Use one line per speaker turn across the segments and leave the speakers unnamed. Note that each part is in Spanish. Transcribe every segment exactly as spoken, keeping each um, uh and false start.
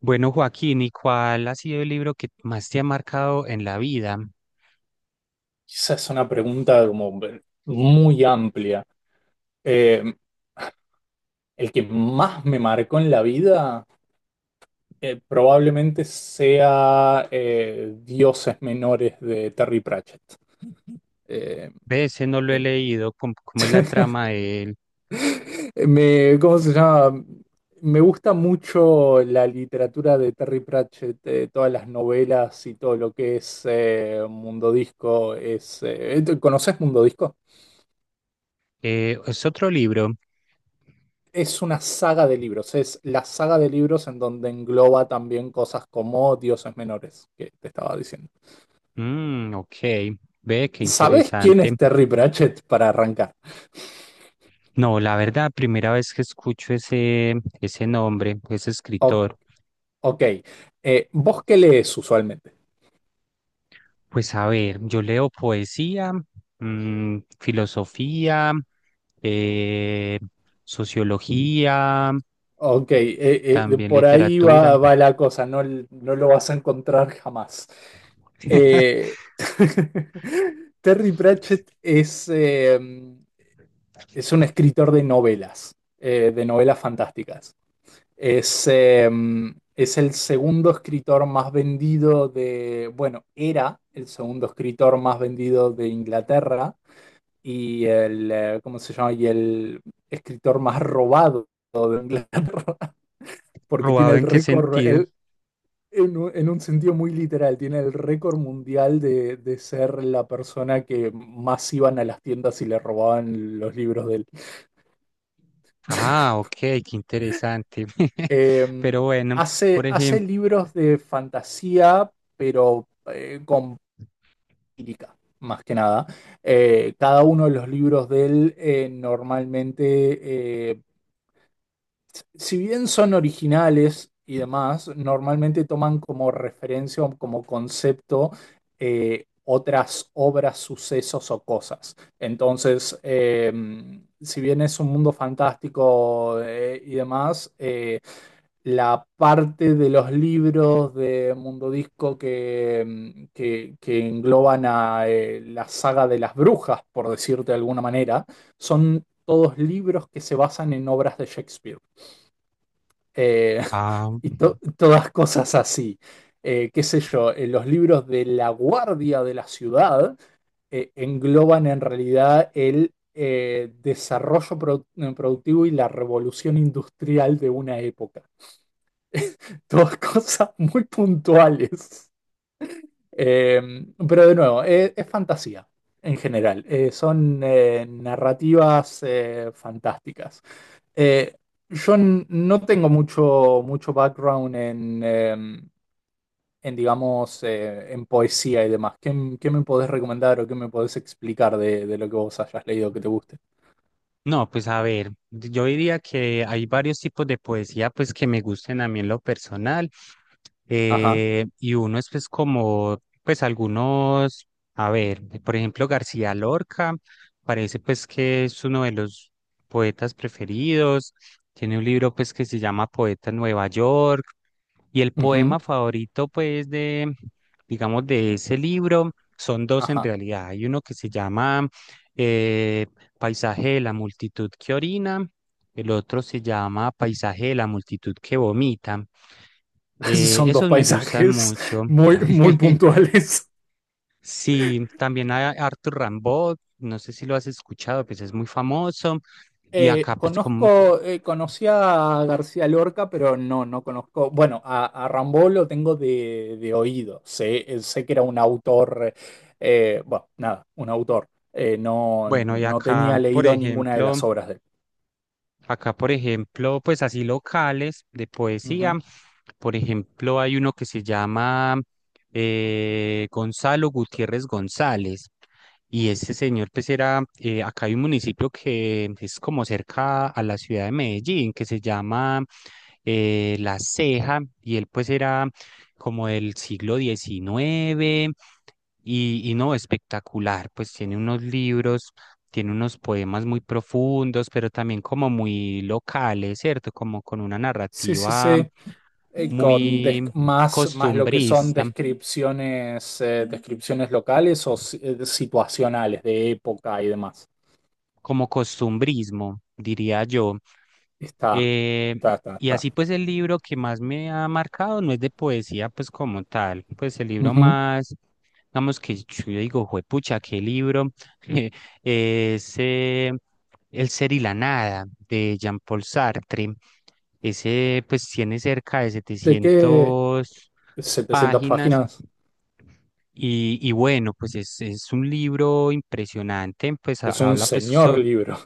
Bueno, Joaquín, ¿y cuál ha sido el libro que más te ha marcado en la vida?
Esa es una pregunta como muy amplia. Eh, el que más me marcó en la vida eh, probablemente sea eh, Dioses Menores de Terry Pratchett. Eh,
De ese no lo he
em,
leído, ¿cómo, cómo es la trama de él?
me, ¿Cómo se llama? Me gusta mucho la literatura de Terry Pratchett, eh, todas las novelas y todo lo que es eh, Mundo Disco. Es, eh, ¿conoces Mundo Disco?
Eh, ¿es otro libro?
Es una saga de libros, es la saga de libros en donde engloba también cosas como Dioses Menores, que te estaba diciendo.
Mm, ok, ve, qué
¿Sabés quién
interesante.
es Terry Pratchett para arrancar?
No, la verdad, primera vez que escucho ese, ese nombre, ese
O-
escritor.
ok, eh, ¿vos qué lees usualmente?
Pues a ver, yo leo poesía, mm, filosofía, eh, sociología,
Ok, eh, eh,
también
por ahí
literatura.
va, va la cosa, no, no lo vas a encontrar jamás. Eh, Terry Pratchett es, eh, es un escritor de novelas, eh, de novelas fantásticas. Es, eh, es el segundo escritor más vendido de, bueno, era el segundo escritor más vendido de Inglaterra y el, eh, ¿cómo se llama? Y el escritor más robado de Inglaterra, porque tiene
¿Robado
el
en qué
récord,
sentido?
el- en, un en un sentido muy literal, tiene el récord mundial de, de ser la persona que más iban a las tiendas y le robaban los libros.
Ah, ok, qué interesante.
Eh,
Pero bueno,
hace,
por
hace
ejemplo,
libros de fantasía, pero eh, con lírica, más que nada. Eh, cada uno de los libros de él eh, normalmente, eh, si bien son originales y demás, normalmente toman como referencia o como concepto eh, otras obras, sucesos o cosas. Entonces, eh, si bien es un mundo fantástico eh, y demás, eh, la parte de los libros de Mundo Disco que, mm, que- que engloban a eh, la saga de las brujas, por decirte de alguna manera, son todos libros que se basan en obras de Shakespeare. Eh,
ah,
y to- todas cosas así. Eh, qué sé yo, eh, los libros de La Guardia de la Ciudad eh, engloban en realidad el eh, desarrollo produ- productivo y la revolución industrial de una época. Dos cosas muy puntuales. Eh, pero de nuevo, eh, es, fantasía en general. Eh, son eh, narrativas eh, fantásticas. Eh, yo n- no tengo mucho, mucho background en, eh, en digamos, eh, en poesía y demás. ¿Qué, m- ¿qué me podés recomendar o qué me podés explicar de, de lo que vos hayas leído que te guste?
no, pues a ver, yo diría que hay varios tipos de poesía pues que me gusten a mí en lo personal.
Ajá.
Eh, y uno es pues como, pues algunos, a ver, por ejemplo García Lorca, parece pues que es uno de los poetas preferidos, tiene un libro pues que se llama Poeta en Nueva York, y el
Ujú.
poema favorito pues de, digamos, de ese libro son dos en
Ajá.
realidad, hay uno que se llama eh, Paisaje de la multitud que orina, el otro se llama Paisaje de la multitud que vomita. Eh,
Son dos
esos me gustan
paisajes
mucho.
muy, muy puntuales.
Sí, también hay Arthur Rimbaud, no sé si lo has escuchado, pues es muy famoso. Y
Eh,
acá, pues como,
conozco, eh, conocí a García Lorca, pero no, no conozco. Bueno, a, a Rimbaud lo tengo de, de oído. Sé, eh, sé que era un autor, eh, bueno, nada, un autor. Eh, no,
bueno, y
no
acá,
tenía
por
leído ninguna de
ejemplo,
las obras de él.
acá, por ejemplo, pues así locales de poesía.
Ujú.
Por ejemplo, hay uno que se llama eh, Gonzalo Gutiérrez González. Y ese señor, pues era, eh, acá hay un municipio que es como cerca a la ciudad de Medellín, que se llama eh, La Ceja, y él pues era como del siglo diecinueve, y, y no, espectacular, pues tiene unos libros tiene unos poemas muy profundos, pero también como muy locales, ¿cierto? Como con una
Sí, sí,
narrativa
sí. Eh, con des-
muy
más, más lo que son
costumbrista,
descripciones, eh, descripciones locales o si- eh, situacionales de época y demás.
como costumbrismo, diría yo.
Está,
Eh,
está, está,
y
está.
así pues el libro que más me ha marcado no es de poesía pues como tal, pues el libro
Ujú.
más, digamos que yo digo, juepucha, qué libro eh, ese El ser y la nada de Jean-Paul Sartre. Ese pues tiene cerca de
¿De qué?
setecientas
setecientas
páginas
páginas.
y, y bueno, pues es, es un libro impresionante, pues ha-
Es un
habla pues
señor
sobre,
libro.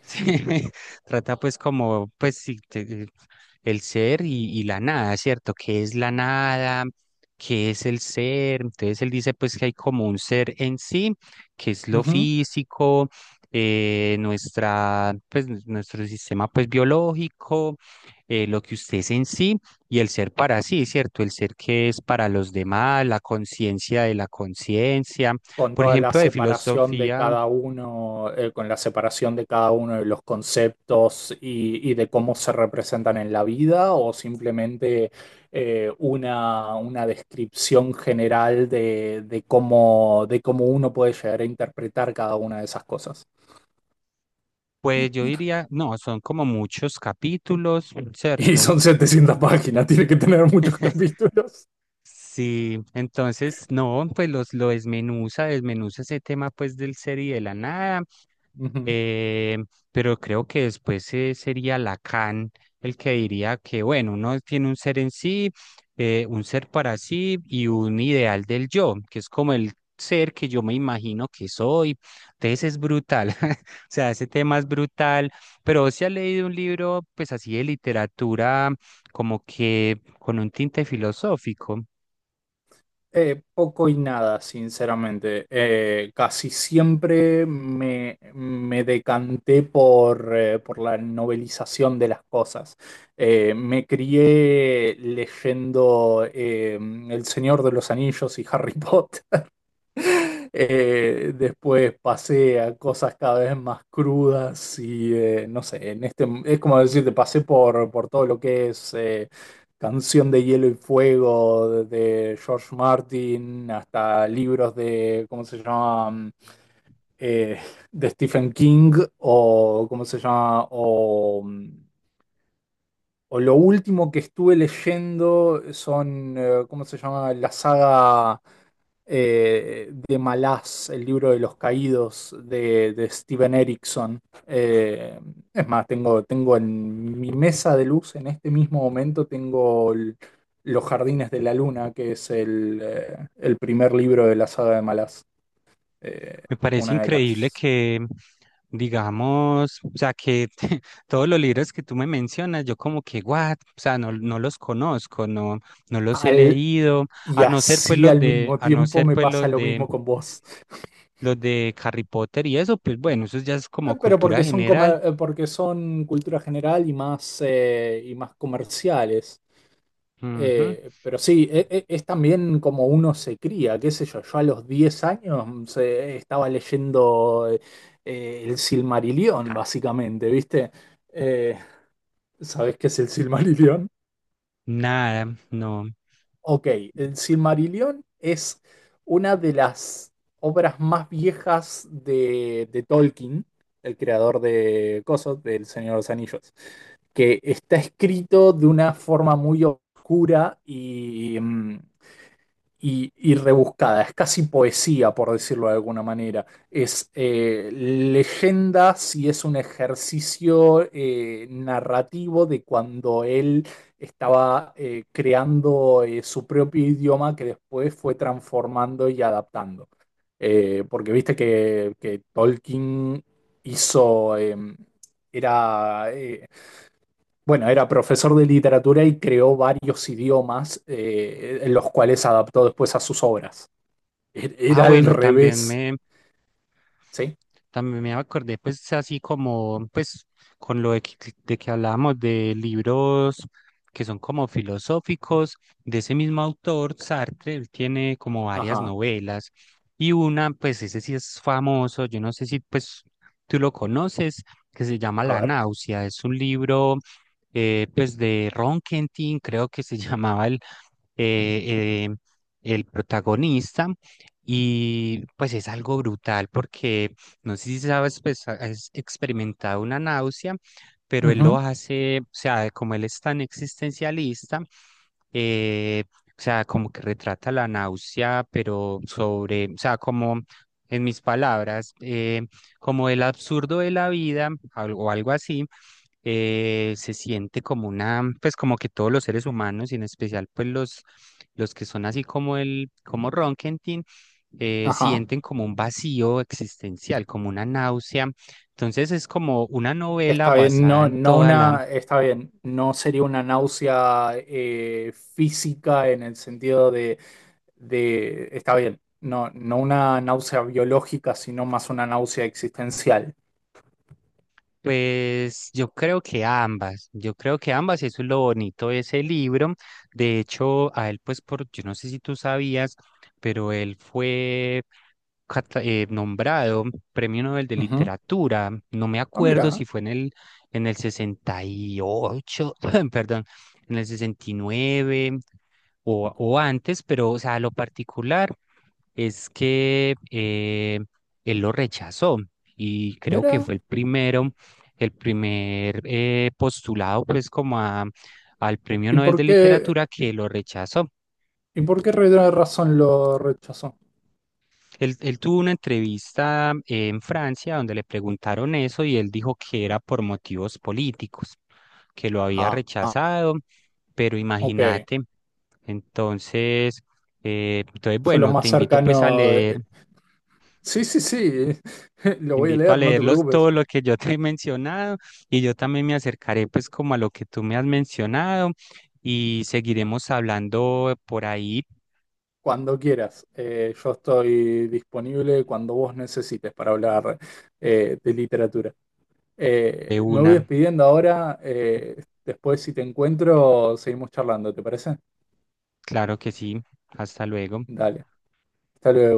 sí, trata pues como, pues sí, te- eh, el ser y, y la nada, ¿cierto? ¿Qué es la nada? ¿Qué es el ser? Entonces él dice pues que hay como un ser en sí, que es lo
Ujú.
físico, eh, nuestra, pues n- nuestro sistema pues biológico, eh, lo que usted es en sí y el ser para sí, ¿cierto? El ser que es para los demás, la conciencia de la conciencia.
Con
Por
toda la
ejemplo, de
separación de
filosofía.
cada uno, eh, con la separación de cada uno de los conceptos y, y de cómo se representan en la vida, o simplemente eh, una, una descripción general de, de cómo, de cómo uno puede llegar a interpretar cada una de esas cosas.
Pues yo diría, no, son como muchos capítulos,
Y
¿cierto?
son setecientas páginas, tiene que tener muchos capítulos.
Sí, entonces, no, pues los, lo desmenuza, desmenuza ese tema pues del ser y de la nada.
Ujú.
Eh, pero creo que después eh, sería Lacan el que diría que, bueno, uno tiene un ser en sí, eh, un ser para sí y un ideal del yo, que es como el ser que yo me imagino que soy. Entonces es brutal, o sea, ese tema es brutal, pero si ha leído un libro, pues así de literatura, como que con un tinte filosófico.
Eh, poco y nada, sinceramente. Eh, casi siempre me, me decanté por, eh, por la novelización de las cosas. Eh, me crié leyendo eh, El Señor de los Anillos y Harry Potter. Eh, después pasé a cosas cada vez más crudas y eh, no sé, en este es como decirte, pasé por, por todo lo que es eh, Canción de Hielo y Fuego de George Martin hasta libros de, ¿cómo se llama? Eh, de Stephen King o, ¿cómo se llama? O mm, o lo último que estuve leyendo son, eh, ¿cómo se llama? La saga eh, de Malaz, el libro de los caídos de, de Steven Erickson. Eh, es más, tengo, tengo en mi mesa de luz, en este mismo momento, tengo el- Los Jardines de la Luna, que es el, eh, el primer libro de la saga de Malaz. Eh,
Me parece
una de
increíble
las...
que, digamos, o sea, que todos los libros que tú me mencionas, yo como que, what, o sea, no, no los conozco, no, no los he
al-
leído,
y
a no ser pues
así
los
al
de,
mismo
a no
tiempo
ser
me
pues
pasa
los
lo
de,
mismo con vos.
los de Harry Potter y eso, pues bueno, eso ya es
Eh,
como
Pero
cultura
porque son,
general.
comer- eh, porque son cultura general y más, eh, y más comerciales.
Ujú.
Eh, pero sí, e- e- es, también como uno se cría, qué sé yo. Yo a los diez años mm, se- estaba leyendo eh, eh, el Silmarillion, básicamente, ¿viste? Eh, ¿Sabés qué es el Silmarillion?
Nada, no.
Ok, el Silmarillion es una de las obras más viejas de, de Tolkien, el creador de Cosos, del Señor de los Anillos, que está escrito de una forma muy oscura y, mm, y, y rebuscada, es casi poesía, por decirlo de alguna manera. Es eh, leyendas y es un ejercicio eh, narrativo de cuando él estaba eh, creando eh, su propio idioma que después fue transformando y adaptando. Eh, porque viste que, que Tolkien hizo, eh, era, eh, bueno, era profesor de literatura y creó varios idiomas, eh, en los cuales adaptó después a sus obras. E-
Ah,
Era al
bueno, también
revés,
me,
¿sí?
también me acordé, pues, así como, pues, con lo de que, de que hablábamos de libros que son como filosóficos, de ese mismo autor, Sartre, él tiene como varias
Ajá,
novelas, y una, pues, ese sí es famoso, yo no sé si, pues, tú lo conoces, que se llama
a
La
ver.
náusea, es un libro, eh, pues, de Ron Kentin, creo que se llamaba eh, eh, el protagonista. Y pues es algo brutal porque no sé si sabes, pues ha- has experimentado una náusea, pero él lo
Ujú.
hace, o sea, como él es tan existencialista, eh, o sea, como que retrata la náusea, pero sobre, o sea, como en mis palabras, eh, como el absurdo de la vida al- o algo así, eh, se siente como una, pues como que todos los seres humanos, y en especial pues los, los que son así como el, como Ronkentin, eh,
Ajá.
sienten como un vacío existencial, como una náusea. Entonces es como una novela
Está bien,
basada
no,
en
no
toda la
una, está bien, no sería una náusea eh, física en el sentido de, de, está bien, no, no una náusea biológica, sino más una náusea existencial.
pues yo creo que ambas, yo creo que ambas, eso es lo bonito de ese libro. De hecho, a él, pues, por, yo no sé si tú sabías, pero él fue cata- eh, nombrado Premio Nobel de
Ujú.
Literatura. No me
Ah,
acuerdo
mira,
si fue en el, en el sesenta y ocho, perdón, en el sesenta y nueve o, o antes, pero, o sea, lo particular es que eh, él lo rechazó y creo que
mira.
fue el primero el primer eh, postulado pues como a- al Premio
¿Y
Nobel
por
de
qué,
Literatura que lo rechazó.
¿Y por qué Rey razón lo rechazó?
Él, él tuvo una entrevista en Francia donde le preguntaron eso y él dijo que era por motivos políticos, que lo había
Ah,
rechazado, pero
ok.
imagínate. Entonces, eh, entonces,
Yo lo
bueno, te
más
invito pues a
cercano.
leer
eh, Sí, sí, sí. Lo
te
voy a
invito a
leer, no te
leerlos
preocupes.
todo lo que yo te he mencionado y yo también me acercaré pues como a lo que tú me has mencionado y seguiremos hablando por ahí
Cuando quieras. Eh, yo estoy disponible cuando vos necesites para hablar eh, de literatura.
de
Eh, me voy
una.
despidiendo ahora. Eh, después, si te encuentro, seguimos charlando, ¿te parece?
Claro que sí. Hasta luego.
Dale. Hasta luego.